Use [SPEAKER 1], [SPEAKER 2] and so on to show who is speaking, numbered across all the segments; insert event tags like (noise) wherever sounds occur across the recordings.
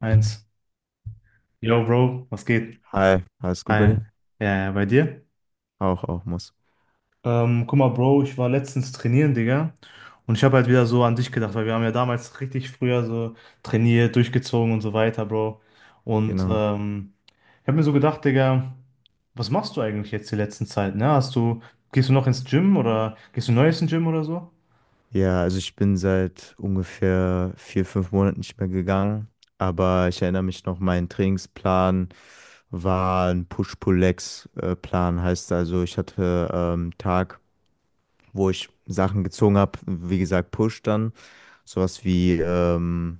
[SPEAKER 1] Eins. Yo, Bro, was geht?
[SPEAKER 2] Hi, alles gut bei
[SPEAKER 1] Hi.
[SPEAKER 2] dir?
[SPEAKER 1] Ja, ja, bei dir?
[SPEAKER 2] Auch, auch muss.
[SPEAKER 1] Guck mal, Bro, ich war letztens trainieren, Digga. Und ich habe halt wieder so an dich gedacht, weil wir haben ja damals richtig früher so trainiert, durchgezogen und so weiter, Bro. Und
[SPEAKER 2] Genau.
[SPEAKER 1] ähm, Ich habe mir so gedacht, Digga, was machst du eigentlich jetzt die letzten Zeit, ne? Gehst du noch ins Gym oder gehst du neu ins Gym oder so?
[SPEAKER 2] Ja, also ich bin seit ungefähr vier, fünf Monaten nicht mehr gegangen, aber ich erinnere mich noch, mein Trainingsplan war ein Push-Pull-Legs-Plan, heißt also, ich hatte Tag, wo ich Sachen gezogen habe, wie gesagt, Push dann, sowas wie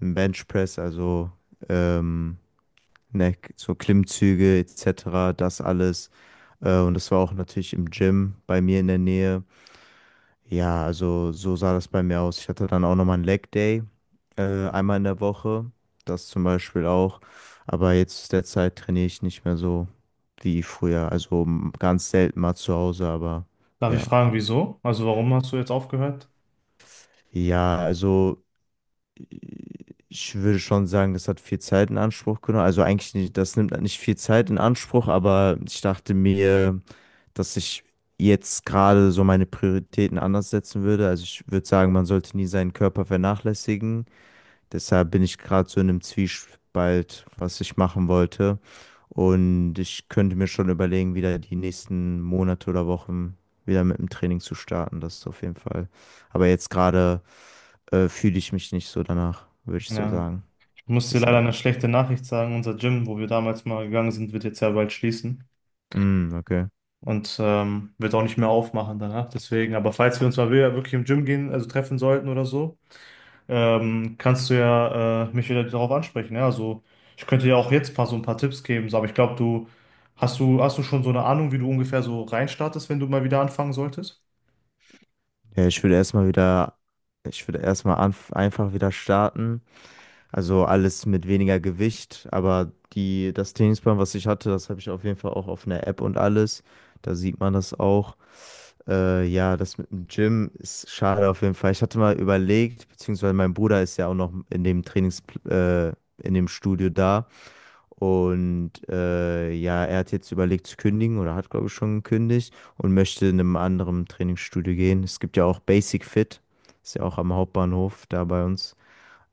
[SPEAKER 2] ein Benchpress, also ähm, ne, so Klimmzüge etc., das alles. Und das war auch natürlich im Gym bei mir in der Nähe. Ja, also so sah das bei mir aus. Ich hatte dann auch nochmal einen Leg Day, einmal in der Woche. Das zum Beispiel auch. Aber jetzt derzeit trainiere ich nicht mehr so wie früher. Also ganz selten mal zu Hause, aber
[SPEAKER 1] Darf ich
[SPEAKER 2] ja.
[SPEAKER 1] fragen, wieso? Also warum hast du jetzt aufgehört?
[SPEAKER 2] Ja, also ich würde schon sagen, das hat viel Zeit in Anspruch genommen. Also eigentlich nicht, das nimmt nicht viel Zeit in Anspruch, aber ich dachte mir, dass ich jetzt gerade so meine Prioritäten anders setzen würde. Also ich würde sagen, man sollte nie seinen Körper vernachlässigen. Deshalb bin ich gerade so in einem Zwiespalt, was ich machen wollte. Und ich könnte mir schon überlegen, wieder die nächsten Monate oder Wochen wieder mit dem Training zu starten. Das ist auf jeden Fall. Aber jetzt gerade fühle ich mich nicht so danach, würde ich so
[SPEAKER 1] Ja.
[SPEAKER 2] sagen.
[SPEAKER 1] Ich muss dir leider
[SPEAKER 2] Deshalb.
[SPEAKER 1] eine schlechte Nachricht sagen. Unser Gym, wo wir damals mal gegangen sind, wird jetzt ja bald schließen.
[SPEAKER 2] Mm, okay.
[SPEAKER 1] Wird auch nicht mehr aufmachen danach. Deswegen, aber falls wir uns mal wieder wirklich im Gym gehen, also treffen sollten oder so, kannst du ja mich wieder darauf ansprechen. Ja? Also ich könnte ja auch jetzt ein paar, so ein paar Tipps geben, so, aber ich glaube, hast du schon so eine Ahnung, wie du ungefähr so reinstartest, wenn du mal wieder anfangen solltest?
[SPEAKER 2] Ja, ich würde erstmal wieder, ich würde erstmal anf einfach wieder starten. Also alles mit weniger Gewicht, aber die, das Trainingsplan, was ich hatte, das habe ich auf jeden Fall auch auf einer App und alles. Da sieht man das auch. Ja, das mit dem Gym ist schade auf jeden Fall. Ich hatte mal überlegt, beziehungsweise mein Bruder ist ja auch noch in dem Trainings, äh, in dem Studio da. Und ja, er hat jetzt überlegt zu kündigen oder hat, glaube ich, schon gekündigt und möchte in einem anderen Trainingsstudio gehen. Es gibt ja auch Basic Fit, ist ja auch am Hauptbahnhof da bei uns.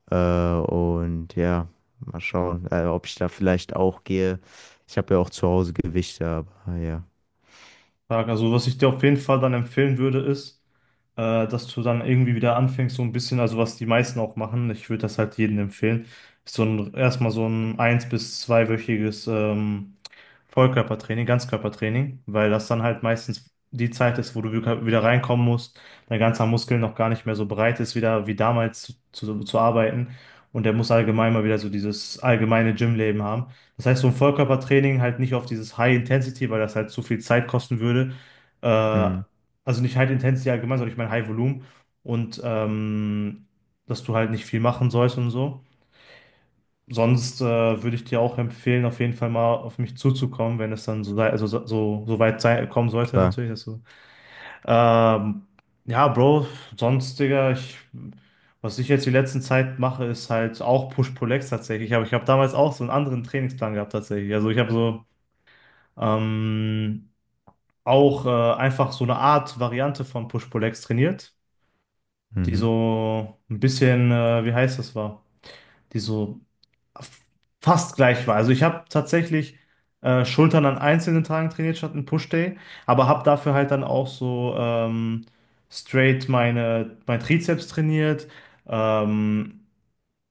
[SPEAKER 2] Und ja, mal schauen, ob ich da vielleicht auch gehe. Ich habe ja auch zu Hause Gewichte, aber ja.
[SPEAKER 1] Frage. Also was ich dir auf jeden Fall dann empfehlen würde, ist, dass du dann irgendwie wieder anfängst, so ein bisschen, also was die meisten auch machen, ich würde das halt jedem empfehlen, ist so ein erstmal so ein eins- bis zweiwöchiges Vollkörpertraining, Ganzkörpertraining, weil das dann halt meistens die Zeit ist, wo du wieder reinkommen musst, dein ganzer Muskel noch gar nicht mehr so breit ist, wieder wie damals zu arbeiten. Und der muss allgemein mal wieder so dieses allgemeine Gymleben haben. Das heißt, so ein Vollkörpertraining halt nicht auf dieses High Intensity, weil das halt zu viel Zeit kosten würde. Äh,
[SPEAKER 2] Hm,
[SPEAKER 1] also nicht High Intensity allgemein, sondern ich meine High Volume. Und ähm, dass du halt nicht viel machen sollst und so. Sonst würde ich dir auch empfehlen, auf jeden Fall mal auf mich zuzukommen, wenn es dann so, also so, so weit sei, kommen sollte,
[SPEAKER 2] klar.
[SPEAKER 1] natürlich. Dass Ähm, ja, Bro, sonst, Digga, ich, was ich jetzt die letzten Zeit mache, ist halt auch Push-Pull-Legs tatsächlich. Aber ich habe damals auch so einen anderen Trainingsplan gehabt tatsächlich. Also ich habe so ähm, auch einfach so eine Art Variante von Push-Pull-Legs trainiert, die
[SPEAKER 2] Mhm.
[SPEAKER 1] so ein bisschen, wie heißt das war? Die so fast gleich war. Also ich habe tatsächlich Schultern an einzelnen Tagen trainiert statt einen Push-Day, aber habe dafür halt dann auch so straight mein Trizeps trainiert. Ähm,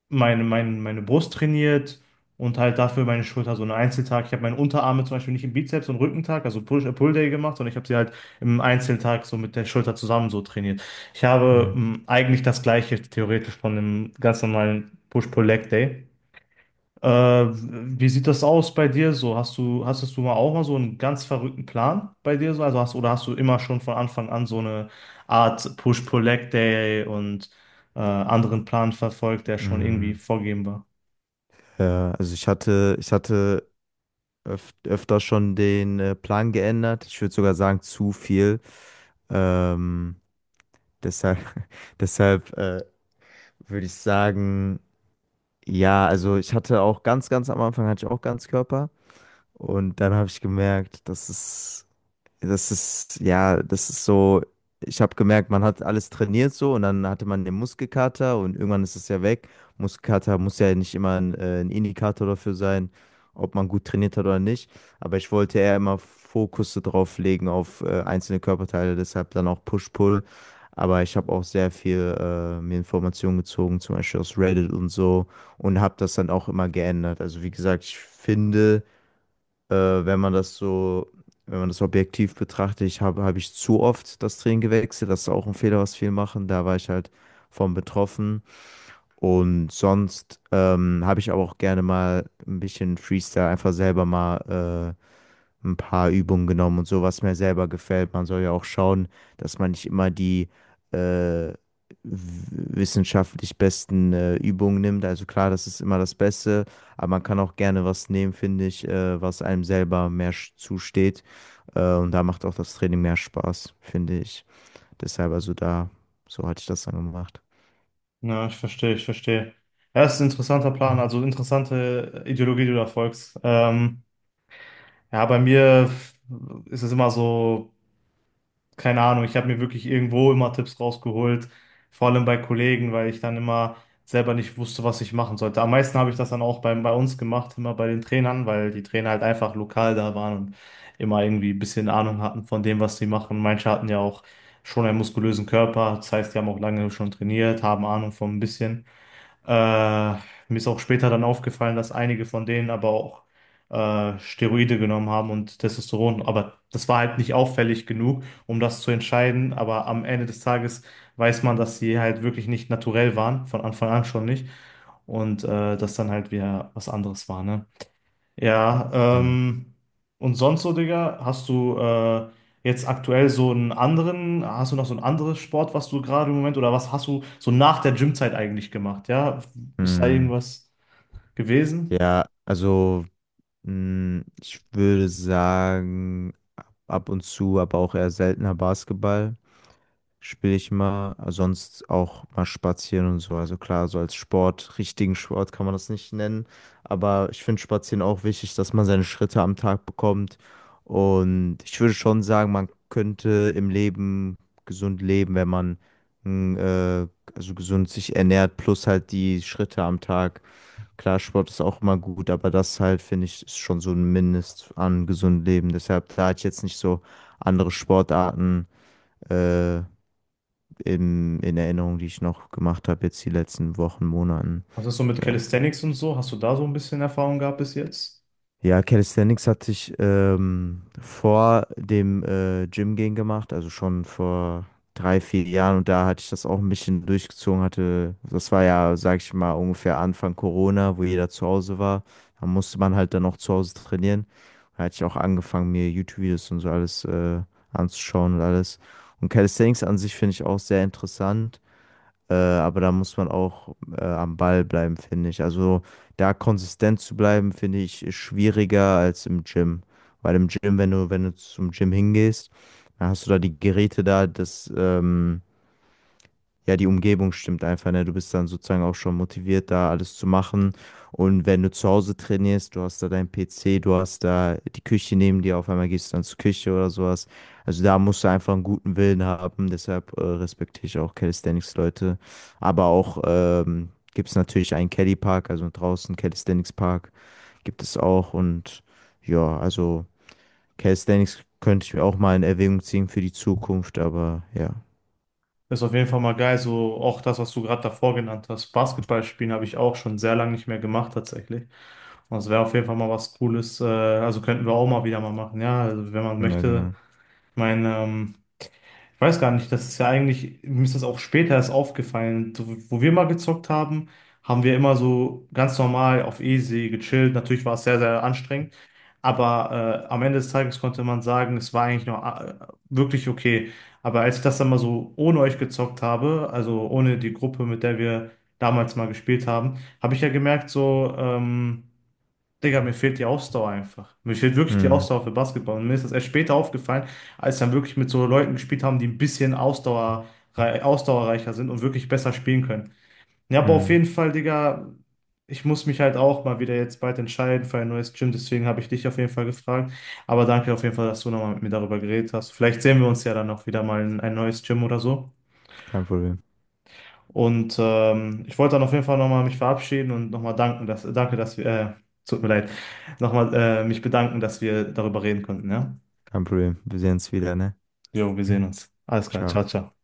[SPEAKER 1] meine Brust trainiert und halt dafür meine Schulter so einen Einzeltag. Ich habe meine Unterarme zum Beispiel nicht im Bizeps und Rückentag, also Push, Pull Day gemacht, sondern ich habe sie halt im Einzeltag so mit der Schulter zusammen so trainiert. Ich habe
[SPEAKER 2] Mhm.
[SPEAKER 1] eigentlich das Gleiche theoretisch von einem ganz normalen Push-Pull-Leg Day. Äh, Wie sieht das aus bei dir so? Hastest du mal auch mal so einen ganz verrückten Plan bei dir so? Also hast, oder hast du immer schon von Anfang an so eine Art Push-Pull-Leg-Day und anderen Plan verfolgt, der schon irgendwie
[SPEAKER 2] Mhm.
[SPEAKER 1] vorgegeben war?
[SPEAKER 2] Ja, also ich hatte öf öfter schon den Plan geändert. Ich würde sogar sagen, zu viel. Ähm, Deshalb, (laughs) deshalb würde ich sagen, ja, also ich hatte auch ganz, ganz am Anfang hatte ich auch Ganzkörper und dann habe ich gemerkt, dass es das ist, ja, das ist so, ich habe gemerkt, man hat alles trainiert so und dann hatte man den Muskelkater und irgendwann ist es ja weg. Muskelkater muss ja nicht immer ein Indikator dafür sein, ob man gut trainiert hat oder nicht. Aber ich wollte eher immer Fokus so drauf legen auf einzelne Körperteile, deshalb dann auch Push-Pull. Aber ich habe auch sehr viel mir Informationen gezogen, zum Beispiel aus Reddit und so und habe das dann auch immer geändert. Also wie gesagt, ich finde wenn man das so, wenn man das objektiv betrachtet, ich habe habe ich zu oft das Training gewechselt. Das ist auch ein Fehler, was viele machen. Da war ich halt von betroffen. Und sonst habe ich aber auch gerne mal ein bisschen Freestyle, einfach selber mal ein paar Übungen genommen und so, was mir selber gefällt. Man soll ja auch schauen, dass man nicht immer die äh, w- wissenschaftlich besten Übungen nimmt. Also klar, das ist immer das Beste, aber man kann auch gerne was nehmen, finde ich, was einem selber mehr zusteht. Und da macht auch das Training mehr Spaß, finde ich. Deshalb also da, so hatte ich das dann gemacht.
[SPEAKER 1] Ja, ich verstehe, ich verstehe. Ja, das ist ein interessanter Plan, also interessante Ideologie, die du da folgst. Ja, bei mir ist es immer so. Keine Ahnung, ich habe mir wirklich irgendwo immer Tipps rausgeholt, vor allem bei Kollegen, weil ich dann immer selber nicht wusste, was ich machen sollte. Am meisten habe ich das dann auch bei uns gemacht, immer bei den Trainern, weil die Trainer halt einfach lokal da waren und immer irgendwie ein bisschen Ahnung hatten von dem, was sie machen. Manche hatten ja auch schon einen muskulösen Körper, das heißt, die haben auch lange schon trainiert, haben Ahnung von ein bisschen. Äh, Mir ist auch später dann aufgefallen, dass einige von denen aber auch Steroide genommen haben und Testosteron. Aber das war halt nicht auffällig genug, um das zu entscheiden. Aber am Ende des Tages weiß man, dass sie halt wirklich nicht naturell waren, von Anfang an schon nicht. Und das dann halt wieder was anderes war, ne? Ja, ähm, und sonst so, Digga, hast du jetzt aktuell so einen anderen, hast du noch so ein anderes Sport, was du gerade im Moment, oder was hast du so nach der Gymzeit eigentlich gemacht? Ja, ist da
[SPEAKER 2] Mhm.
[SPEAKER 1] irgendwas gewesen?
[SPEAKER 2] Ja, also ich würde sagen, ab und zu, aber auch eher seltener Basketball spiele ich mal, sonst auch mal spazieren und so. Also klar, so als Sport, richtigen Sport kann man das nicht nennen, aber ich finde Spazieren auch wichtig, dass man seine Schritte am Tag bekommt. Und ich würde schon sagen, man könnte im Leben gesund leben, wenn man mh, äh, also gesund sich ernährt, plus halt die Schritte am Tag. Klar, Sport ist auch immer gut, aber das halt, finde ich, ist schon so ein Mindest an gesundem Leben. Deshalb, da hatte ich jetzt nicht so andere Sportarten äh, in Erinnerung, die ich noch gemacht habe, jetzt die letzten Wochen, Monaten.
[SPEAKER 1] Was ist so mit
[SPEAKER 2] Ja.
[SPEAKER 1] Calisthenics und so? Hast du da so ein bisschen Erfahrung gehabt bis jetzt?
[SPEAKER 2] Ja, Calisthenics hatte ich vor dem Gym gehen gemacht, also schon vor drei, vier Jahren und da hatte ich das auch ein bisschen durchgezogen, hatte, das war ja, sag ich mal, ungefähr Anfang Corona, wo jeder zu Hause war. Da musste man halt dann auch zu Hause trainieren. Da hatte ich auch angefangen, mir YouTube-Videos und so alles anzuschauen und alles. Und Calisthenics an sich finde ich auch sehr interessant. Aber da muss man auch am Ball bleiben, finde ich. Also da konsistent zu bleiben, finde ich, ist schwieriger als im Gym. Weil im Gym, wenn du, zum Gym hingehst, dann hast du da die Geräte da, das, ja, die Umgebung stimmt einfach, ne? Du bist dann sozusagen auch schon motiviert, da alles zu machen. Und wenn du zu Hause trainierst, du hast da deinen PC, du hast da die Küche neben dir, auf einmal gehst du dann zur Küche oder sowas. Also da musst du einfach einen guten Willen haben. Deshalb respektiere ich auch Calisthenics-Leute. Aber auch gibt es natürlich einen Kelly Park, also draußen Calisthenics Park gibt es auch. Und ja, also Calisthenics könnte ich mir auch mal in Erwägung ziehen für die Zukunft, aber ja.
[SPEAKER 1] Ist auf jeden Fall mal geil, so auch das, was du gerade davor genannt hast. Basketball spielen habe ich auch schon sehr lange nicht mehr gemacht, tatsächlich. Und das wäre auf jeden Fall mal was Cooles. Also könnten wir auch mal wieder mal machen, ja, also wenn man
[SPEAKER 2] Ja,
[SPEAKER 1] möchte.
[SPEAKER 2] genau.
[SPEAKER 1] Ich meine, ich weiß gar nicht, das ist ja eigentlich, mir ist das auch später erst aufgefallen. So, wo wir mal gezockt haben, haben wir immer so ganz normal auf easy gechillt. Natürlich war es sehr, sehr anstrengend, aber am Ende des Tages konnte man sagen, es war eigentlich noch wirklich okay. Aber als ich das dann mal so ohne euch gezockt habe, also ohne die Gruppe, mit der wir damals mal gespielt haben, habe ich ja gemerkt, so, Digga, mir fehlt die Ausdauer einfach. Mir fehlt wirklich die
[SPEAKER 2] Hm,
[SPEAKER 1] Ausdauer für Basketball. Und mir ist das erst später aufgefallen, als dann wirklich mit so Leuten gespielt haben, die ein bisschen Ausdauer, ausdauerreicher sind und wirklich besser spielen können. Ja, aber auf
[SPEAKER 2] hm.
[SPEAKER 1] jeden Fall, Digga, ich muss mich halt auch mal wieder jetzt bald entscheiden für ein neues Gym. Deswegen habe ich dich auf jeden Fall gefragt. Aber danke auf jeden Fall, dass du nochmal mit mir darüber geredet hast. Vielleicht sehen wir uns ja dann noch wieder mal in ein neues Gym oder so.
[SPEAKER 2] Kein Problem.
[SPEAKER 1] Ich wollte dann auf jeden Fall nochmal mich verabschieden und nochmal danken, dass, danke, dass wir, tut mir leid, nochmal mich bedanken, dass wir darüber reden konnten, ja?
[SPEAKER 2] Kein Problem. Wir sehen uns wieder, ne?
[SPEAKER 1] Jo, wir sehen uns. Alles klar, ciao,
[SPEAKER 2] Ciao.
[SPEAKER 1] ciao.